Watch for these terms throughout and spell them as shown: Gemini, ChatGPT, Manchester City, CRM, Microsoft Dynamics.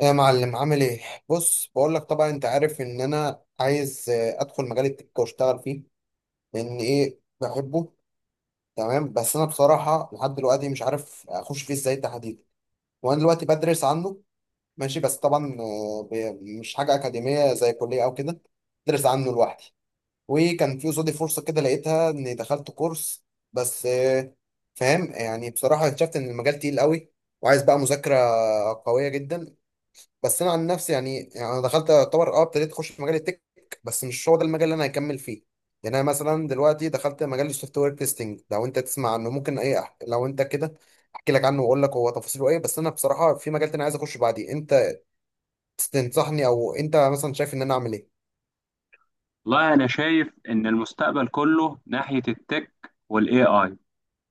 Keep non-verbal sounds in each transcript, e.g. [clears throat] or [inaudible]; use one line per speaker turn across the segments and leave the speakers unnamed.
يا معلم عامل ايه؟ بص بقول لك، طبعا انت عارف ان انا عايز ادخل مجال التك واشتغل فيه لان ايه بحبه. تمام، بس انا بصراحه لحد دلوقتي مش عارف اخش فيه ازاي تحديدا، وانا دلوقتي بدرس عنه. ماشي، بس طبعا مش حاجه اكاديميه زي كليه او كده، بدرس عنه لوحدي. وكان في قصادي فرصه كده لقيتها اني دخلت كورس بس فاهم يعني، بصراحه اكتشفت ان المجال تقيل قوي وعايز بقى مذاكره قويه جدا. بس انا عن نفسي يعني انا دخلت اعتبر ابتديت اخش في مجال التك، بس مش هو ده المجال اللي انا هكمل فيه. يعني انا مثلا دلوقتي دخلت مجال السوفت وير تيستنج، لو انت تسمع عنه ممكن لو انت كده احكي لك عنه واقول لك هو تفاصيله ايه، بس انا بصراحه في مجال تاني عايز اخش بعديه. انت تنصحني او انت مثلا شايف ان انا اعمل ايه؟
والله انا شايف ان المستقبل كله ناحية التك والاي اي.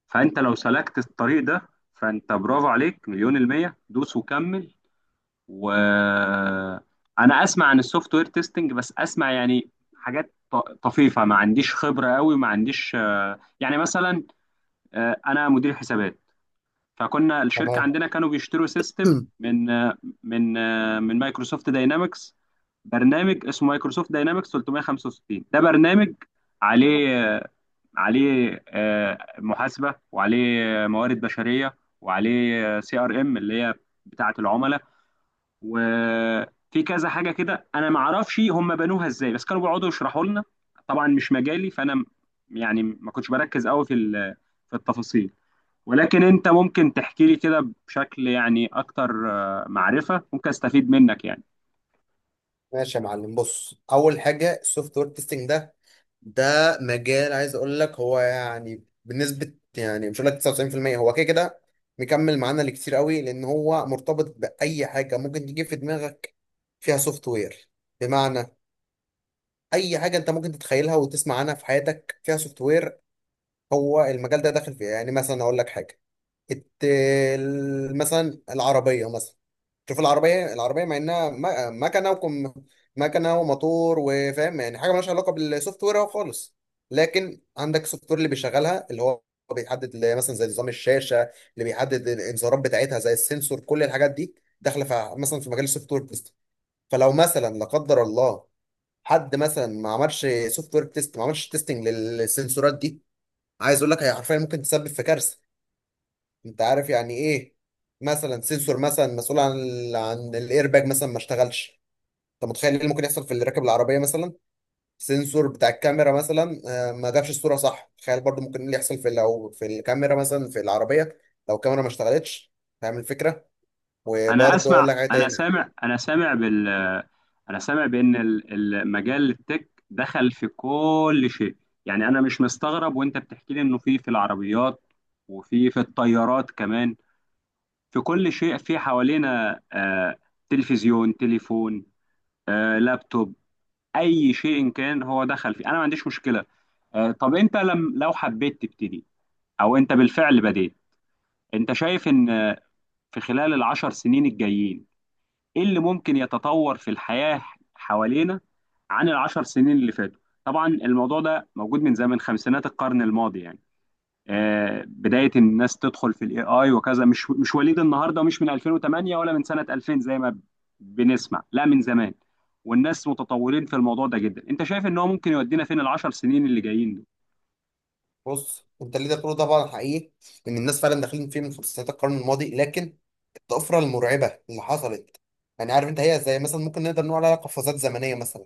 فانت لو سلكت الطريق ده، فانت برافو عليك مليون المية، دوس وكمل. و انا اسمع عن السوفت وير تيستنج، بس اسمع يعني حاجات طفيفة. ما عنديش خبرة قوي، ما عنديش، يعني مثلا، انا مدير حسابات. فكنا الشركة
تمام.
عندنا كانوا بيشتروا سيستم
[clears throat]
من من من مايكروسوفت داينامكس. برنامج اسمه مايكروسوفت داينامكس 365. ده برنامج عليه عليه محاسبة، وعليه موارد بشرية، وعليه سي ار ام، اللي هي بتاعة العملاء. وفي كذا حاجة كده، انا ما اعرفش هم بنوها ازاي، بس كانوا بيقعدوا يشرحوا لنا. طبعا مش مجالي، فانا يعني ما كنتش بركز قوي في التفاصيل. ولكن انت ممكن تحكي لي كده بشكل يعني اكتر معرفة، ممكن استفيد منك يعني.
ماشي يا معلم، بص، اول حاجه السوفت وير تيستنج ده مجال، عايز اقول لك هو يعني بنسبه يعني مش هقول لك 99% هو كده كده مكمل معانا لكتير قوي، لان هو مرتبط باي حاجه ممكن تيجي في دماغك فيها سوفت وير. بمعنى اي حاجه انت ممكن تتخيلها وتسمع عنها في حياتك فيها سوفت وير، هو المجال ده داخل فيها. يعني مثلا اقول لك حاجه، مثلا العربية. مثلا شوف العربية، مع انها مكنة مكنة وموتور وفاهم يعني حاجة مالهاش علاقة بالسوفت وير أهو خالص، لكن عندك سوفت وير اللي بيشغلها، اللي هو بيحدد اللي مثلا زي نظام الشاشة، اللي بيحدد الانذارات بتاعتها زي السنسور. كل الحاجات دي داخلة في مثلا في مجال السوفت وير تيست. فلو مثلا لا قدر الله حد مثلا ما عملش سوفت وير تيست، ما عملش تيستنج للسنسورات دي، عايز اقول لك هي حرفيا ممكن تسبب في كارثة. انت عارف يعني ايه؟ مثلا سنسور مثلا مسؤول عن عن الايرباج مثلا ما اشتغلش، انت متخيل ايه اللي ممكن يحصل في اللي راكب العربيه مثلا؟ سنسور بتاع الكاميرا مثلا، ما جابش الصوره صح، تخيل برضو ممكن ايه اللي يحصل في لو في الكاميرا مثلا في العربيه، لو الكاميرا ما اشتغلتش. فاهم الفكره؟
انا
وبرضو اقول
اسمع
لك حاجه
انا
تاني.
سامع انا سامع بال آه، انا سامع بان المجال التك دخل في كل شيء. يعني انا مش مستغرب وانت بتحكي لي انه في العربيات، وفي الطيارات كمان. في كل شيء في حوالينا، تلفزيون، تليفون، لابتوب. اي شيء إن كان هو دخل فيه، انا ما عنديش مشكلة. طب انت لم لو حبيت تبتدي، او انت بالفعل بديت، انت شايف ان في خلال العشر سنين الجايين ايه اللي ممكن يتطور في الحياة حوالينا عن العشر سنين اللي فاتوا؟ طبعا الموضوع ده موجود من زمن خمسينات القرن الماضي، يعني بداية الناس تدخل في الاي اي وكذا. مش وليد النهارده، ومش من 2008 ولا من سنة 2000 زي ما بنسمع، لا، من زمان، والناس متطورين في الموضوع ده جدا. انت شايف ان هو ممكن يودينا فين العشر سنين اللي جايين دول؟
بص انت اللي ده كله طبعا حقيقي، ان الناس فعلا داخلين فيه من سنوات القرن الماضي، لكن الطفره المرعبه اللي حصلت، يعني عارف انت هي زي مثلا ممكن نقدر نقول عليها قفزات زمنيه مثلا،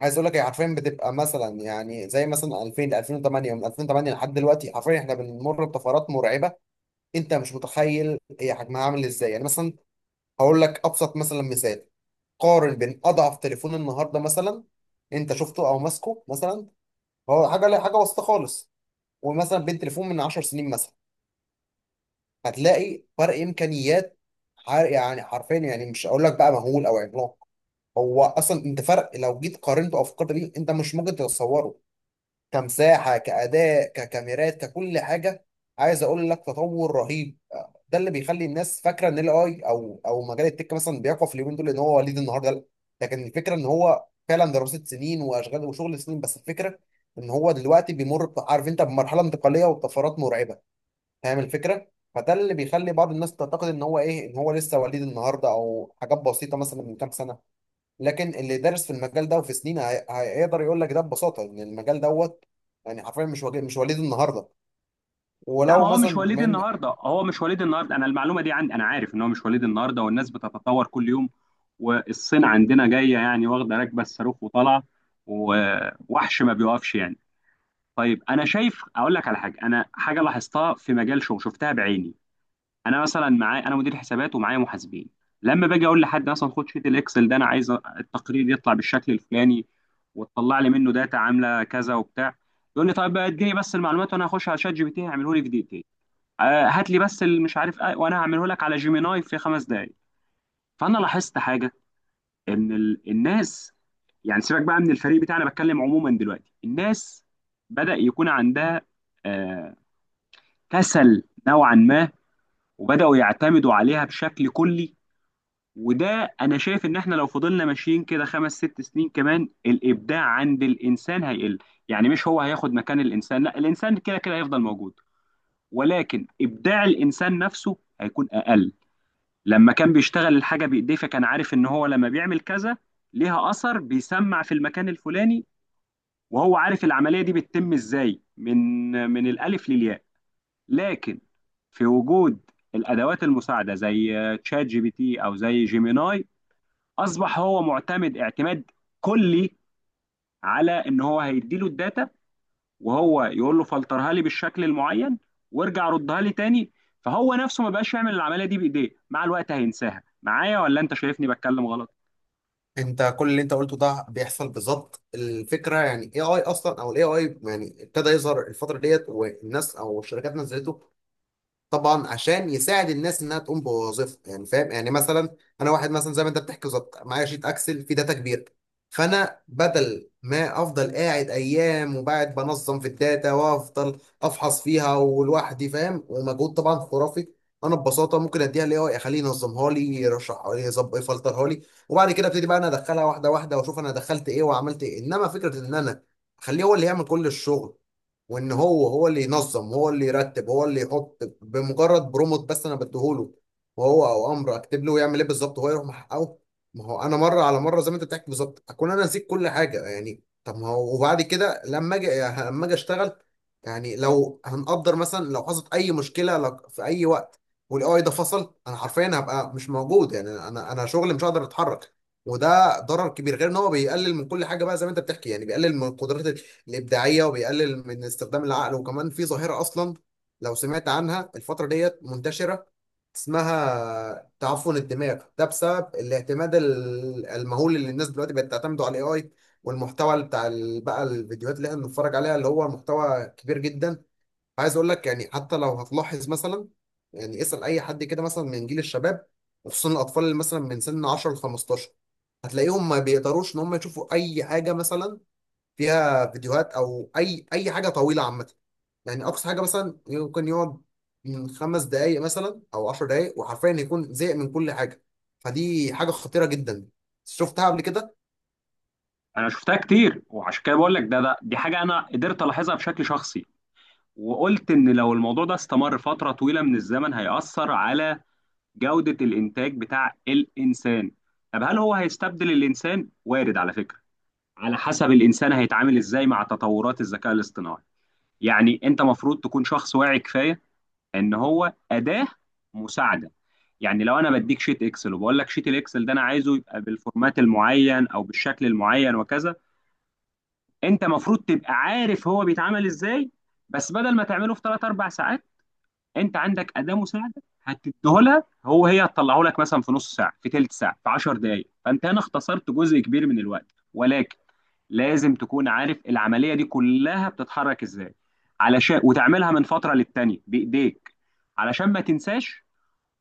عايز اقول لك هي حرفيا بتبقى مثلا يعني زي مثلا 2000 ل 2008، ومن 2008 لحد دلوقتي حرفيا احنا بنمر بطفرات مرعبه. انت مش متخيل هي حجمها عامل ازاي. يعني مثلا هقول لك ابسط مثلا مثال، قارن بين اضعف تليفون النهارده مثلا انت شفته او ماسكه مثلا، هو حاجه لا حاجه وسط خالص، ومثلا بين تليفون من 10 سنين مثلا، هتلاقي فرق امكانيات يعني حرفيا يعني مش هقول لك بقى مهول او عملاق، هو اصلا انت فرق لو جيت قارنته او فكرت بيه انت مش ممكن تتصوره. كمساحه كاداء ككاميرات ككل حاجه، عايز اقول لك تطور رهيب. ده اللي بيخلي الناس فاكره ان الاي اي او مجال التك مثلا بيقف اليومين دول، ان هو وليد النهارده. لا، لكن الفكره ان هو فعلا دراسه سنين واشغال وشغل سنين، بس الفكره ان هو دلوقتي بيمر عارف انت بمرحله انتقاليه وطفرات مرعبه. فاهم الفكره؟ فده اللي بيخلي بعض الناس تعتقد ان هو ايه، ان هو لسه وليد النهارده او حاجات بسيطه مثلا من كام سنه. لكن اللي دارس في المجال ده وفي سنين هيقدر يقول لك ده ببساطه، ان المجال دوت يعني حرفيا مش مش وليد النهارده.
لا،
ولو
ما هو
مثلا
مش وليد
من...
النهارده، هو مش وليد النهارده. انا المعلومه دي عندي، انا عارف ان هو مش وليد النهارده والناس بتتطور كل يوم. والصين عندنا جايه يعني، واخده راكبه الصاروخ وطالعه، ووحش ما بيوقفش يعني. طيب انا شايف، اقول لك على حاجه انا حاجه لاحظتها في مجال شغل، شفتها بعيني. انا مثلا معايا، انا مدير حسابات ومعايا محاسبين. لما باجي اقول لحد مثلا، خد شيت الاكسل ده، انا عايز التقرير يطلع بالشكل الفلاني، وتطلع لي منه داتا عامله كذا وبتاع. يقول لي، طيب اديني بس المعلومات، وانا هخش على شات جي بي تي هيعمله لي في دقيقتين. هات لي بس اللي مش عارف، وانا هعمله لك على جيميناي في 5 دقائق. فانا لاحظت حاجه، ان الناس، يعني سيبك بقى من الفريق بتاعنا، بتكلم عموما، دلوقتي الناس بدأ يكون عندها، آه، كسل نوعا ما، وبدأوا يعتمدوا عليها بشكل كلي. وده انا شايف ان احنا لو فضلنا ماشيين كده خمس ست سنين كمان، الابداع عند الانسان هيقل. يعني مش هو هياخد مكان الانسان، لا، الانسان كده كده هيفضل موجود، ولكن ابداع الانسان نفسه هيكون اقل. لما كان بيشتغل الحاجة بإيديه، فكان عارف إن هو لما بيعمل كذا ليها أثر بيسمع في المكان الفلاني، وهو عارف العملية دي بتتم إزاي من الألف للياء. لكن في وجود الأدوات المساعدة زي تشات جي بي تي أو زي جيميناي، أصبح هو معتمد اعتماد كلي على إن هو هيديله الداتا، وهو يقول له فلترها لي بالشكل المعين، وارجع ردها لي تاني. فهو نفسه ما بقاش يعمل العملية دي بإيديه، مع الوقت هينساها. معايا ولا أنت شايفني بتكلم غلط؟
انت كل اللي انت قلته ده بيحصل بالظبط. الفكره يعني اي اي اصلا او الاي اي يعني ابتدى يظهر الفتره ديت، والناس او الشركات نزلته طبعا عشان يساعد الناس انها تقوم بوظيفه. يعني فاهم يعني مثلا انا واحد مثلا زي ما انت بتحكي بالظبط، معايا شيت اكسل فيه داتا كبير، فانا بدل ما افضل قاعد ايام وبعد بنظم في الداتا وافضل افحص فيها ولوحدي، فاهم، ومجهود طبعا خرافي. انا ببساطه ممكن اديها لاي اي اخليه ينظمها لي، يرشحها لي، يظبط يفلترها لي. وبعد كده ابتدي بقى انا ادخلها واحده واحده واشوف انا دخلت ايه وعملت ايه. انما فكره ان انا اخليه هو اللي يعمل كل الشغل، وان هو اللي ينظم هو اللي يرتب هو اللي يحط، بمجرد بروموت بس انا بديهوله وهو امر اكتب له يعمل ايه بالظبط هو يروح محققه. ما هو انا مره على مره زي ما انت بتحكي بالظبط اكون انا نسيت كل حاجه. يعني طب ما هو وبعد كده لما اجي اشتغل يعني، لو هنقدر مثلا لو حصلت اي مشكله لو في اي وقت والاي اي ده فصل، انا حرفيا هبقى مش موجود يعني. انا شغلي مش هقدر اتحرك، وده ضرر كبير غير ان هو بيقلل من كل حاجه بقى زي ما انت بتحكي. يعني بيقلل من قدرات الابداعيه وبيقلل من استخدام العقل. وكمان في ظاهره اصلا لو سمعت عنها الفتره ديت منتشره، اسمها تعفن الدماغ، ده بسبب الاعتماد المهول اللي الناس دلوقتي بقت تعتمده على الاي اي، والمحتوى اللي بتاع بقى الفيديوهات اللي احنا بنتفرج عليها اللي هو محتوى كبير جدا. عايز اقول لك يعني حتى لو هتلاحظ مثلا، يعني اسال اي حد كده مثلا من جيل الشباب، وخصوصا الاطفال اللي مثلا من سن 10 ل 15، هتلاقيهم ما بيقدروش ان هم يشوفوا اي حاجه مثلا فيها فيديوهات او اي حاجه طويله عامه. يعني اقصى حاجه مثلا ممكن يقعد من 5 دقائق مثلا او 10 دقائق وحرفيا يكون زهق من كل حاجه. فدي حاجه خطيره جدا شفتها قبل كده.
انا شفتها كتير، وعشان كده بقول لك ده ده دي حاجه انا قدرت الاحظها بشكل شخصي، وقلت ان لو الموضوع ده استمر فتره طويله من الزمن، هيأثر على جوده الانتاج بتاع الانسان. طب هل هو هيستبدل الانسان؟ وارد، على فكره. على حسب الانسان هيتعامل ازاي مع تطورات الذكاء الاصطناعي. يعني انت مفروض تكون شخص واعي كفايه ان هو اداه مساعده. يعني لو انا بديك شيت اكسل وبقول لك، شيت الاكسل ده انا عايزه يبقى بالفورمات المعين او بالشكل المعين وكذا، انت المفروض تبقى عارف هو بيتعمل ازاي. بس بدل ما تعمله في 3 4 ساعات، انت عندك اداة مساعدة هتديه لها، هي هتطلعه لك مثلا في نص ساعة، في تلت ساعة، في 10 دقائق. فانت هنا اختصرت جزء كبير من الوقت، ولكن لازم تكون عارف العملية دي كلها بتتحرك ازاي، علشان وتعملها من فترة للتانية بايديك، علشان ما تنساش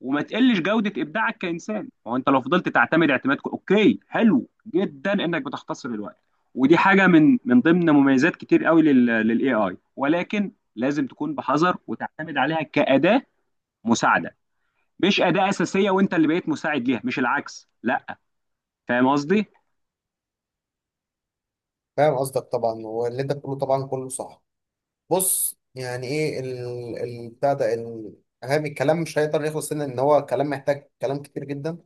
وما تقلش جودة إبداعك كإنسان. هو أنت لو فضلت تعتمد اعتماد أوكي، حلو جدا إنك بتختصر الوقت، ودي حاجة من ضمن مميزات كتير قوي للاي اي، ولكن لازم تكون بحذر وتعتمد عليها كأداة مساعدة، مش أداة أساسية. وأنت اللي بقيت مساعد ليها، مش العكس، لا. فاهم قصدي؟
فاهم قصدك طبعا، واللي انت بتقوله طبعا كله صح. بص يعني ايه ال... ال... بتاع ده ال... أهم الكلام مش هيقدر يخلص هنا، ان هو كلام محتاج كلام كتير جدا.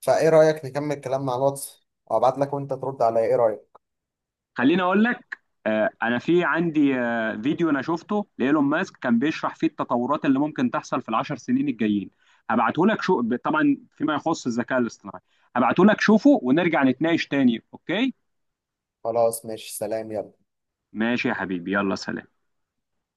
فايه رايك نكمل كلامنا على الواتس، وابعت لك وانت ترد عليا؟ ايه رايك؟
خليني اقول لك، انا في عندي، فيديو انا شفته لايلون ماسك كان بيشرح فيه التطورات اللي ممكن تحصل في العشر سنين الجايين. هبعته لك شو، طبعا فيما يخص الذكاء الاصطناعي. هبعته لك شوفه، ونرجع نتناقش تاني، اوكي؟
خلاص ماشي سلام يلا.
ماشي يا حبيبي، يلا سلام.